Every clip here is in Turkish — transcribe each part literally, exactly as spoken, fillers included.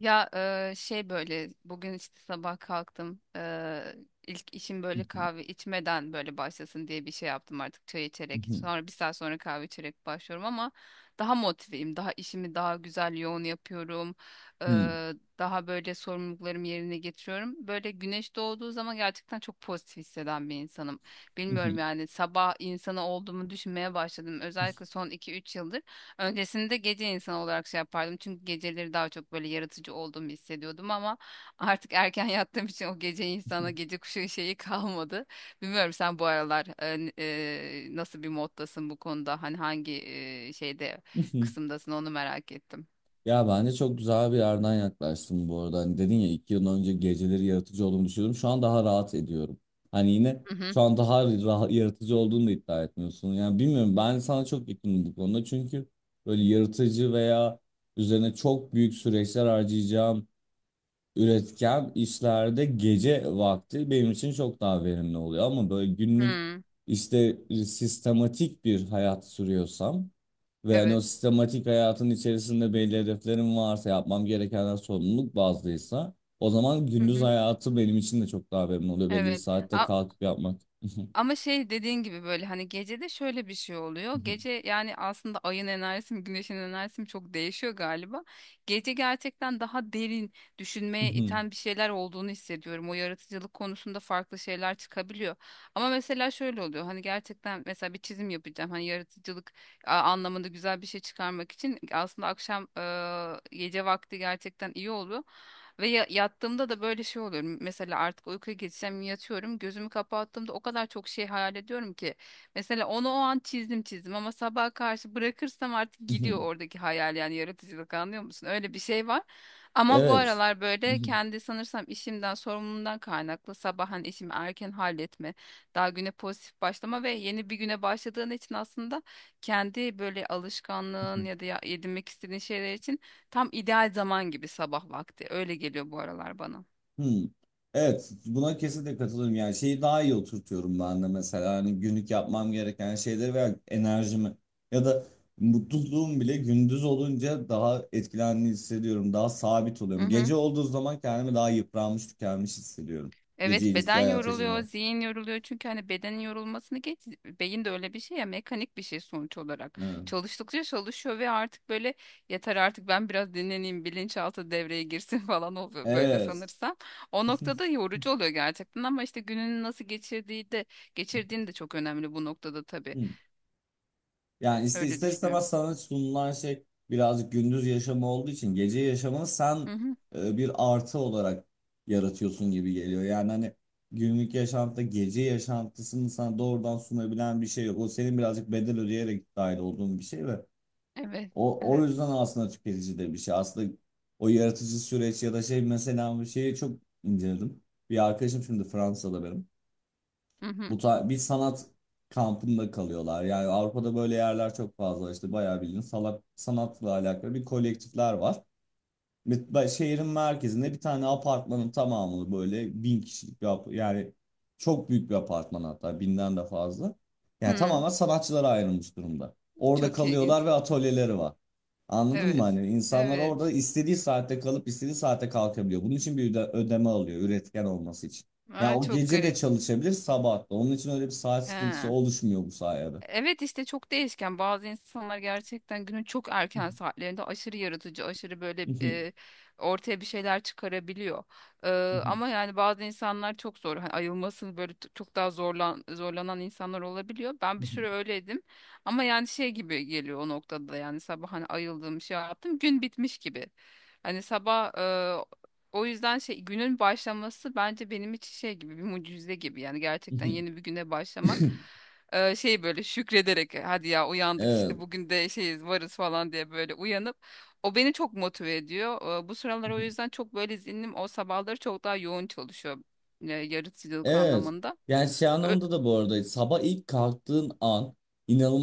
Ya e, şey böyle bugün işte sabah kalktım e, ilk işim böyle kahve içmeden böyle başlasın diye bir şey yaptım artık çay içerek, sonra bir saat sonra kahve içerek başlıyorum ama daha motiveyim, daha işimi daha güzel yoğun yapıyorum. E, Daha böyle sorumluluklarımı yerine getiriyorum. Böyle güneş doğduğu zaman gerçekten çok pozitif hisseden bir insanım. Bilmiyorum, yani sabah insanı olduğumu düşünmeye başladım özellikle son iki üç yıldır. Öncesinde gece insanı olarak şey yapardım. Çünkü geceleri daha çok böyle yaratıcı olduğumu hissediyordum ama artık erken yattığım için o gece insana, gece kuşu şeyi kalmadı. Bilmiyorum sen bu aralar e, n- e, nasıl bir moddasın bu konuda? Hani hangi e, şeyde, kısımdasın, onu merak ettim. Ya bence çok güzel bir yerden yaklaştın bu arada. Hani dedin ya iki yıl önce geceleri yaratıcı olduğumu düşünüyordum. Şu an daha rahat ediyorum. Hani yine Hı hı. şu an daha rahat, yaratıcı olduğunu da iddia etmiyorsun. Yani bilmiyorum, ben sana çok yakınım bu konuda. Çünkü böyle yaratıcı veya üzerine çok büyük süreçler harcayacağım, üretken işlerde gece vakti benim için çok daha verimli oluyor. Ama böyle günlük Hı. işte sistematik bir hayat sürüyorsam ve hani o Evet. sistematik hayatın içerisinde belli hedeflerim varsa, yapmam gerekenler sorumluluk bazlıysa, o zaman Hı gündüz hı. hayatı benim için de çok daha verimli oluyor. Belli bir Evet. saatte kalkıp yapmak. Ama şey dediğin gibi böyle hani gecede şöyle bir şey oluyor. Gece yani aslında ayın enerjisi mi, güneşin enerjisi mi çok değişiyor galiba. Gece gerçekten daha derin düşünmeye iten bir şeyler olduğunu hissediyorum. O yaratıcılık konusunda farklı şeyler çıkabiliyor. Ama mesela şöyle oluyor. Hani gerçekten mesela bir çizim yapacağım. Hani yaratıcılık a- anlamında güzel bir şey çıkarmak için aslında akşam, e, gece vakti gerçekten iyi oluyor. Ve ya- yattığımda da böyle şey oluyorum. Mesela artık uykuya geçsem yatıyorum. Gözümü kapattığımda o kadar çok şey hayal ediyorum ki. Mesela onu o an çizdim çizdim ama sabaha karşı bırakırsam artık gidiyor oradaki hayal, yani yaratıcılık, anlıyor musun? Öyle bir şey var. Ama bu Evet. aralar böyle kendi sanırsam işimden, sorumluluğumdan kaynaklı sabah hani işimi erken halletme, daha güne pozitif başlama ve yeni bir güne başladığın için aslında kendi böyle alışkanlığın ya da ya- edinmek istediğin şeyler için tam ideal zaman gibi sabah vakti. Öyle geliyor bu aralar bana. Hmm. Evet, buna kesinlikle katılıyorum. Yani şeyi daha iyi oturtuyorum ben de mesela, hani günlük yapmam gereken şeyleri veya enerjimi ya da mutluluğum bile, gündüz olunca daha etkilendiğini hissediyorum. Daha sabit Hı oluyorum. hı. Gece olduğu zaman kendimi daha yıpranmış, tükenmiş hissediyorum. Gece Evet, ilişki beden hayatı yaşadığım. yoruluyor, Zaman. zihin yoruluyor. Çünkü hani bedenin yorulmasını geç, beyin de öyle bir şey ya, mekanik bir şey sonuç olarak. Evet. Çalıştıkça çalışıyor ve artık böyle yeter artık, ben biraz dinleneyim, bilinçaltı devreye girsin falan oluyor böyle Evet. sanırsam. O noktada yorucu oluyor gerçekten ama işte gününü nasıl geçirdiği de geçirdiğin de çok önemli bu noktada tabii. Yani iste Öyle ister istemez düşünüyorum. sana sunulan şey birazcık gündüz yaşamı olduğu için, gece yaşamını Hı sen hı. e, bir artı olarak yaratıyorsun gibi geliyor. Yani hani günlük yaşantıda gece yaşantısını sana doğrudan sunabilen bir şey yok. O, senin birazcık bedel ödeyerek dahil olduğun bir şey ve Evet, o, o evet. yüzden aslında tüketici de bir şey. Aslında o yaratıcı süreç ya da şey, mesela bir şeyi çok inceledim. Bir arkadaşım şimdi Fransa'da benim. Hı Bu hı. Ta- bir sanat kampında kalıyorlar. Yani Avrupa'da böyle yerler çok fazla, işte bayağı bildiğin salak, sanatla alakalı bir kolektifler var. Bir- ba- Şehrin merkezinde bir tane apartmanın tamamını, böyle bin kişilik bir ap- yani çok büyük bir apartman, hatta binden de fazla. Yani Hı. tamamen sanatçılara ayrılmış durumda. Orada Çok kalıyorlar ilginç. ve atölyeleri var. Anladın mı? Evet. Hani insanlar orada Evet. istediği saatte kalıp istediği saatte kalkabiliyor. Bunun için bir öde- ödeme alıyor üretken olması için. Ya Aa, o çok gece de garip. çalışabilir, sabah da. Onun için öyle bir saat sıkıntısı He. oluşmuyor bu sayede. Evet işte çok değişken. Bazı insanlar gerçekten günün çok erken saatlerinde aşırı yaratıcı, aşırı böyle, e, ortaya bir şeyler çıkarabiliyor. E, Ama yani bazı insanlar çok zor. Hani ayılması böyle t- çok daha zorlan zorlanan insanlar olabiliyor. Ben bir süre öyleydim. Ama yani şey gibi geliyor o noktada da, yani sabah hani ayıldım, şey yaptım, gün bitmiş gibi. Hani sabah, e, o yüzden şey, günün başlaması bence benim için şey gibi, bir mucize gibi, yani gerçekten yeni bir güne başlamak. Ee, şey böyle şükrederek, "E, hadi ya uyandık Evet. işte, bugün de şeyiz, varız" falan diye böyle uyanıp o beni çok motive ediyor. Ee, bu sıralar o yüzden çok böyle zihnim o sabahları çok daha yoğun çalışıyor, e, yaratıcılık Evet. anlamında. Yani şey Ö- anlamında da, bu arada, sabah ilk kalktığın an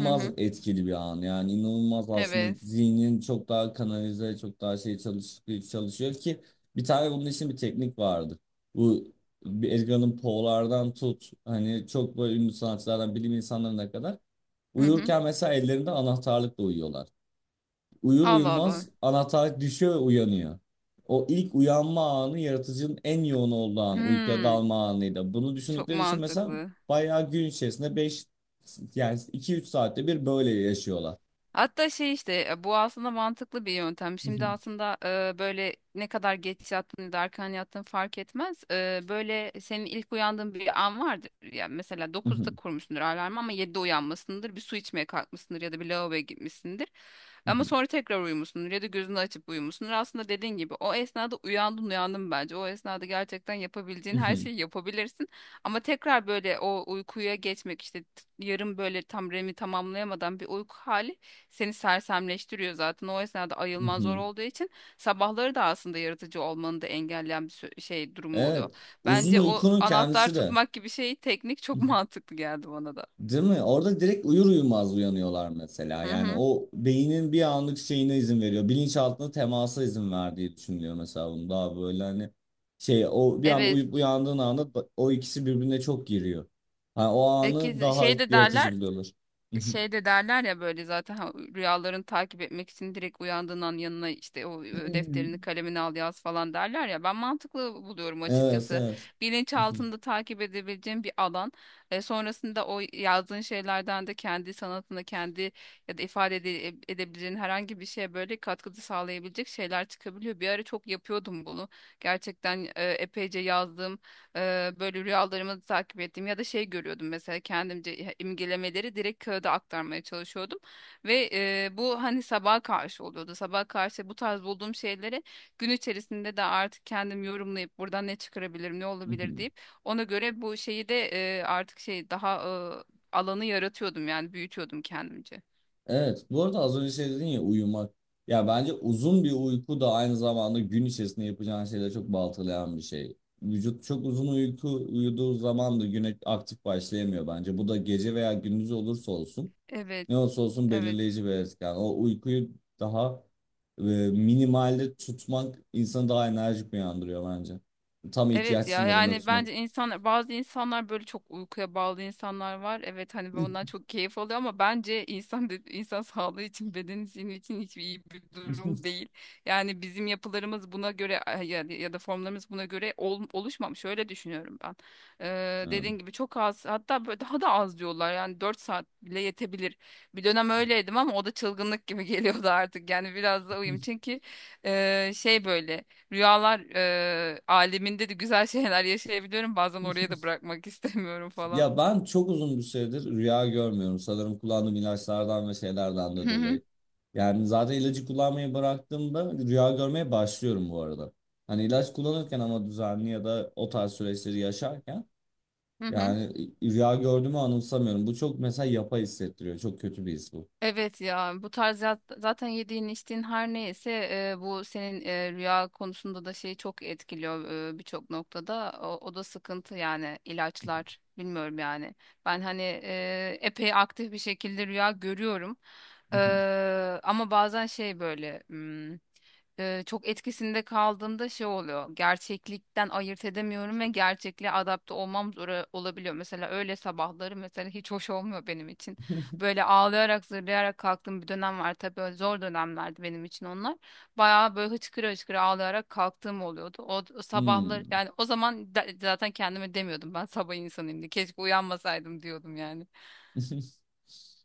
hı hı. etkili bir an. Yani inanılmaz, aslında Evet. zihnin çok daha kanalize, çok daha şey çalış, çalışıyor ki bir tane, bunun için bir teknik vardı. Bu, bir Edgar Allan Poe'lardan tut hani, çok böyle ünlü sanatçılardan bilim insanlarına kadar Hı hı. uyurken mesela ellerinde anahtarlıkla uyuyorlar. Uyur Allah uyumaz Allah. anahtar düşüyor ve uyanıyor. O ilk uyanma anı yaratıcının en yoğun olduğu an, uykuya Hmm, dalma anıydı. Bunu çok düşündükleri için mesela mantıklı. bayağı gün içerisinde beş yani iki üç saatte bir böyle yaşıyorlar. Hatta şey işte, e, bu aslında mantıklı bir yöntem. Şimdi aslında e, böyle ne kadar geç yattın ya da erken yattın fark etmez. E, böyle senin ilk uyandığın bir an vardır. Yani mesela dokuzda kurmuşsundur alarmı ama yedide uyanmasındır. Bir su içmeye kalkmışsındır ya da bir lavaboya gitmişsindir. Ama sonra tekrar uyumuşsundur ya da gözünü açıp uyumuşsundur. Aslında dediğin gibi o esnada uyandın uyandın bence. O esnada gerçekten yapabileceğin her şeyi yapabilirsin. Ama tekrar böyle o uykuya geçmek işte, t- yarım böyle, tam R E M'i tamamlayamadan bir uyku hali seni sersemleştiriyor zaten. O esnada ayılman zor olduğu için sabahları da aslında yaratıcı olmanı da engelleyen bir sü- şey durumu oluyor. Evet. Uzun Bence o uykunun anahtar kendisi de. tutmak gibi şey teknik çok mantıklı geldi bana da. Değil mi? Orada direkt uyur uyumaz uyanıyorlar mesela. Hı Yani hı. o beynin bir anlık şeyine izin veriyor. Bilinçaltına temasa izin verdiği düşünülüyor mesela, bunun daha böyle hani şey, o bir anda Evet. uyup uyandığın anda ba- o ikisi birbirine çok giriyor. Hani o E, anı ki- daha Şey de yaratıcı derler, buluyorlar. şey de derler ya böyle zaten, ha, rüyalarını takip etmek için direkt uyandığın an yanına işte o e, defterini Hmm. kalemini al yaz falan derler ya, ben mantıklı buluyorum Evet, açıkçası. evet. Bilinçaltında takip edebileceğim bir alan, e, sonrasında o yazdığın şeylerden de kendi sanatına, kendi ya da ifade ede- e, edebileceğin herhangi bir şeye böyle katkıda sağlayabilecek şeyler çıkabiliyor. Bir ara çok yapıyordum bunu, gerçekten e, epeyce yazdım. Eee, böyle rüyalarımı takip ettim ya da şey görüyordum, mesela kendimce imgelemeleri direkt kağıda aktarmaya çalışıyordum ve eee, bu hani sabaha karşı oluyordu. Sabaha karşı bu tarz bulduğum şeyleri gün içerisinde de artık kendim yorumlayıp buradan ne çıkarabilirim, ne olabilir deyip, ona göre bu şeyi de eee, artık şey daha eee, alanı yaratıyordum, yani büyütüyordum kendimce. Evet, bu arada az önce şey dedin ya, uyumak. Ya bence uzun bir uyku da aynı zamanda gün içerisinde yapacağın şeyleri çok baltalayan bir şey. Vücut çok uzun uyku uyuduğu zaman da güne aktif başlayamıyor bence. Bu da gece veya gündüz olursa olsun, Evet. ne olursa olsun Evet. belirleyici bir etken. O uykuyu daha e, minimalde tutmak insanı daha enerjik uyandırıyor bence. Tam ihtiyaç Evet ya, sınırında yani tutmak. bence insan, bazı insanlar böyle çok uykuya bağlı insanlar var. Evet hani ondan çok keyif alıyor ama bence insan de- insan sağlığı için, beden için için hiçbir iyi bir durum değil. Yani bizim yapılarımız buna göre ay- ya, ya da formlarımız buna göre ol- oluşmamış. Öyle düşünüyorum ben. Ee, Evet. Dediğin gibi çok az, hatta böyle daha da az diyorlar. Yani dört saat bile yetebilir. Bir dönem öyleydim ama o da çılgınlık gibi geliyordu artık. Yani biraz da uyum, çünkü e, şey böyle. Rüyalar eee aleminde de güzel şeyler yaşayabiliyorum. Bazen oraya da bırakmak istemiyorum falan. Ya ben çok uzun bir süredir rüya görmüyorum. Sanırım kullandığım ilaçlardan ve şeylerden de Hı hı, dolayı. Yani zaten ilacı kullanmayı bıraktığımda rüya görmeye başlıyorum bu arada. Hani ilaç kullanırken, ama düzenli ya da o tarz süreçleri yaşarken, hı hı. yani rüya gördüğümü anımsamıyorum. Bu çok mesela yapay hissettiriyor. Çok kötü bir his bu. Evet ya, bu tarz ya- zaten yediğin içtiğin her neyse e, bu senin e, rüya konusunda da şeyi çok etkiliyor e, birçok noktada. O, o da sıkıntı, yani ilaçlar bilmiyorum yani. Ben hani e, epey aktif bir şekilde rüya görüyorum. E, Ama bazen şey böyle, hmm, e, çok etkisinde kaldığımda şey oluyor. Gerçeklikten ayırt edemiyorum ve gerçekliğe adapte olmam zor olabiliyor. Mesela öyle sabahları mesela hiç hoş olmuyor benim için. Böyle ağlayarak, zırlayarak kalktığım bir dönem var. Tabii öyle zor dönemlerdi benim için onlar. Bayağı böyle hıçkıra hıçkıra ağlayarak kalktığım oluyordu. O, o sabahlar Hmm. yani, o zaman da- zaten kendime demiyordum ben sabah insanıyım diye. Keşke uyanmasaydım diyordum yani.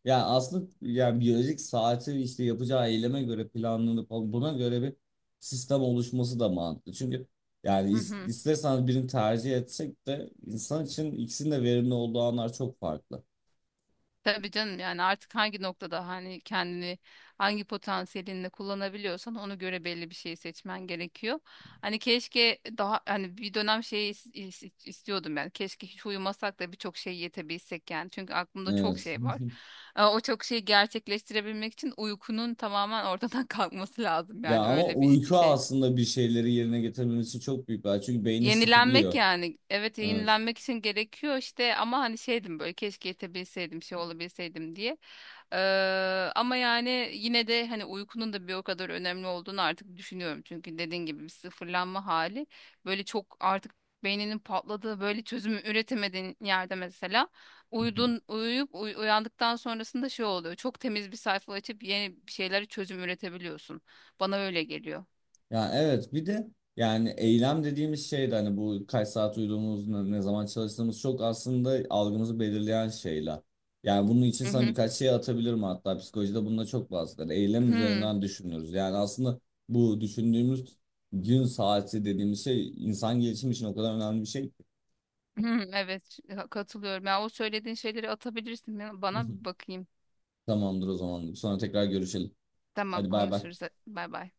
Ya aslında yani biyolojik saati işte yapacağı eyleme göre planlanıp buna göre bir sistem oluşması da mantıklı. Çünkü yani is- isterseniz birini tercih etsek de, insan için ikisinin de verimli olduğu anlar çok farklı. Tabii canım, yani artık hangi noktada hani kendini hangi potansiyelinle kullanabiliyorsan ona göre belli bir şey seçmen gerekiyor. Hani keşke daha hani bir dönem şeyi is- is- istiyordum yani, keşke hiç uyumasak da birçok şey yetebilsek yani, çünkü aklımda çok Evet. şey var. Ee, O çok şeyi gerçekleştirebilmek için uykunun tamamen ortadan kalkması lazım, Ya yani ama öyle bir uyku şey. aslında bir şeyleri yerine getirmemiz için çok büyük bir araç. Çünkü beyni Yenilenmek sıfırlıyor. yani. Evet, Evet. yenilenmek için gerekiyor işte, ama hani şeydim böyle, keşke yetebilseydim, şey olabilseydim diye. Ee, Ama yani yine de hani uykunun da bir o kadar önemli olduğunu artık düşünüyorum. Çünkü dediğin gibi bir sıfırlanma hali, böyle çok artık beyninin patladığı, böyle çözümü üretemediğin yerde mesela uyudun uyuyup uy- uyandıktan sonrasında şey oluyor. Çok temiz bir sayfa açıp yeni bir şeylere çözüm üretebiliyorsun. Bana öyle geliyor. Ya evet, bir de yani eylem dediğimiz şey de, hani bu kaç saat uyuduğumuz, ne, ne zaman çalıştığımız, çok aslında algımızı belirleyen şeyler. Yani bunun için Hı sana hı. birkaç şey atabilirim, hatta psikolojide bununla çok bahseder. Eylem Hı. üzerinden düşünüyoruz. Yani aslında bu düşündüğümüz gün saati dediğimiz şey insan gelişimi için o kadar önemli bir şey. Ki. Hmm. Evet, ş- ha- katılıyorum. Ya o söylediğin şeyleri atabilirsin. Ya bana bir bakayım. Tamamdır o zaman. Sonra tekrar görüşelim. Tamam, Hadi bay bay. konuşuruz. Bay bay.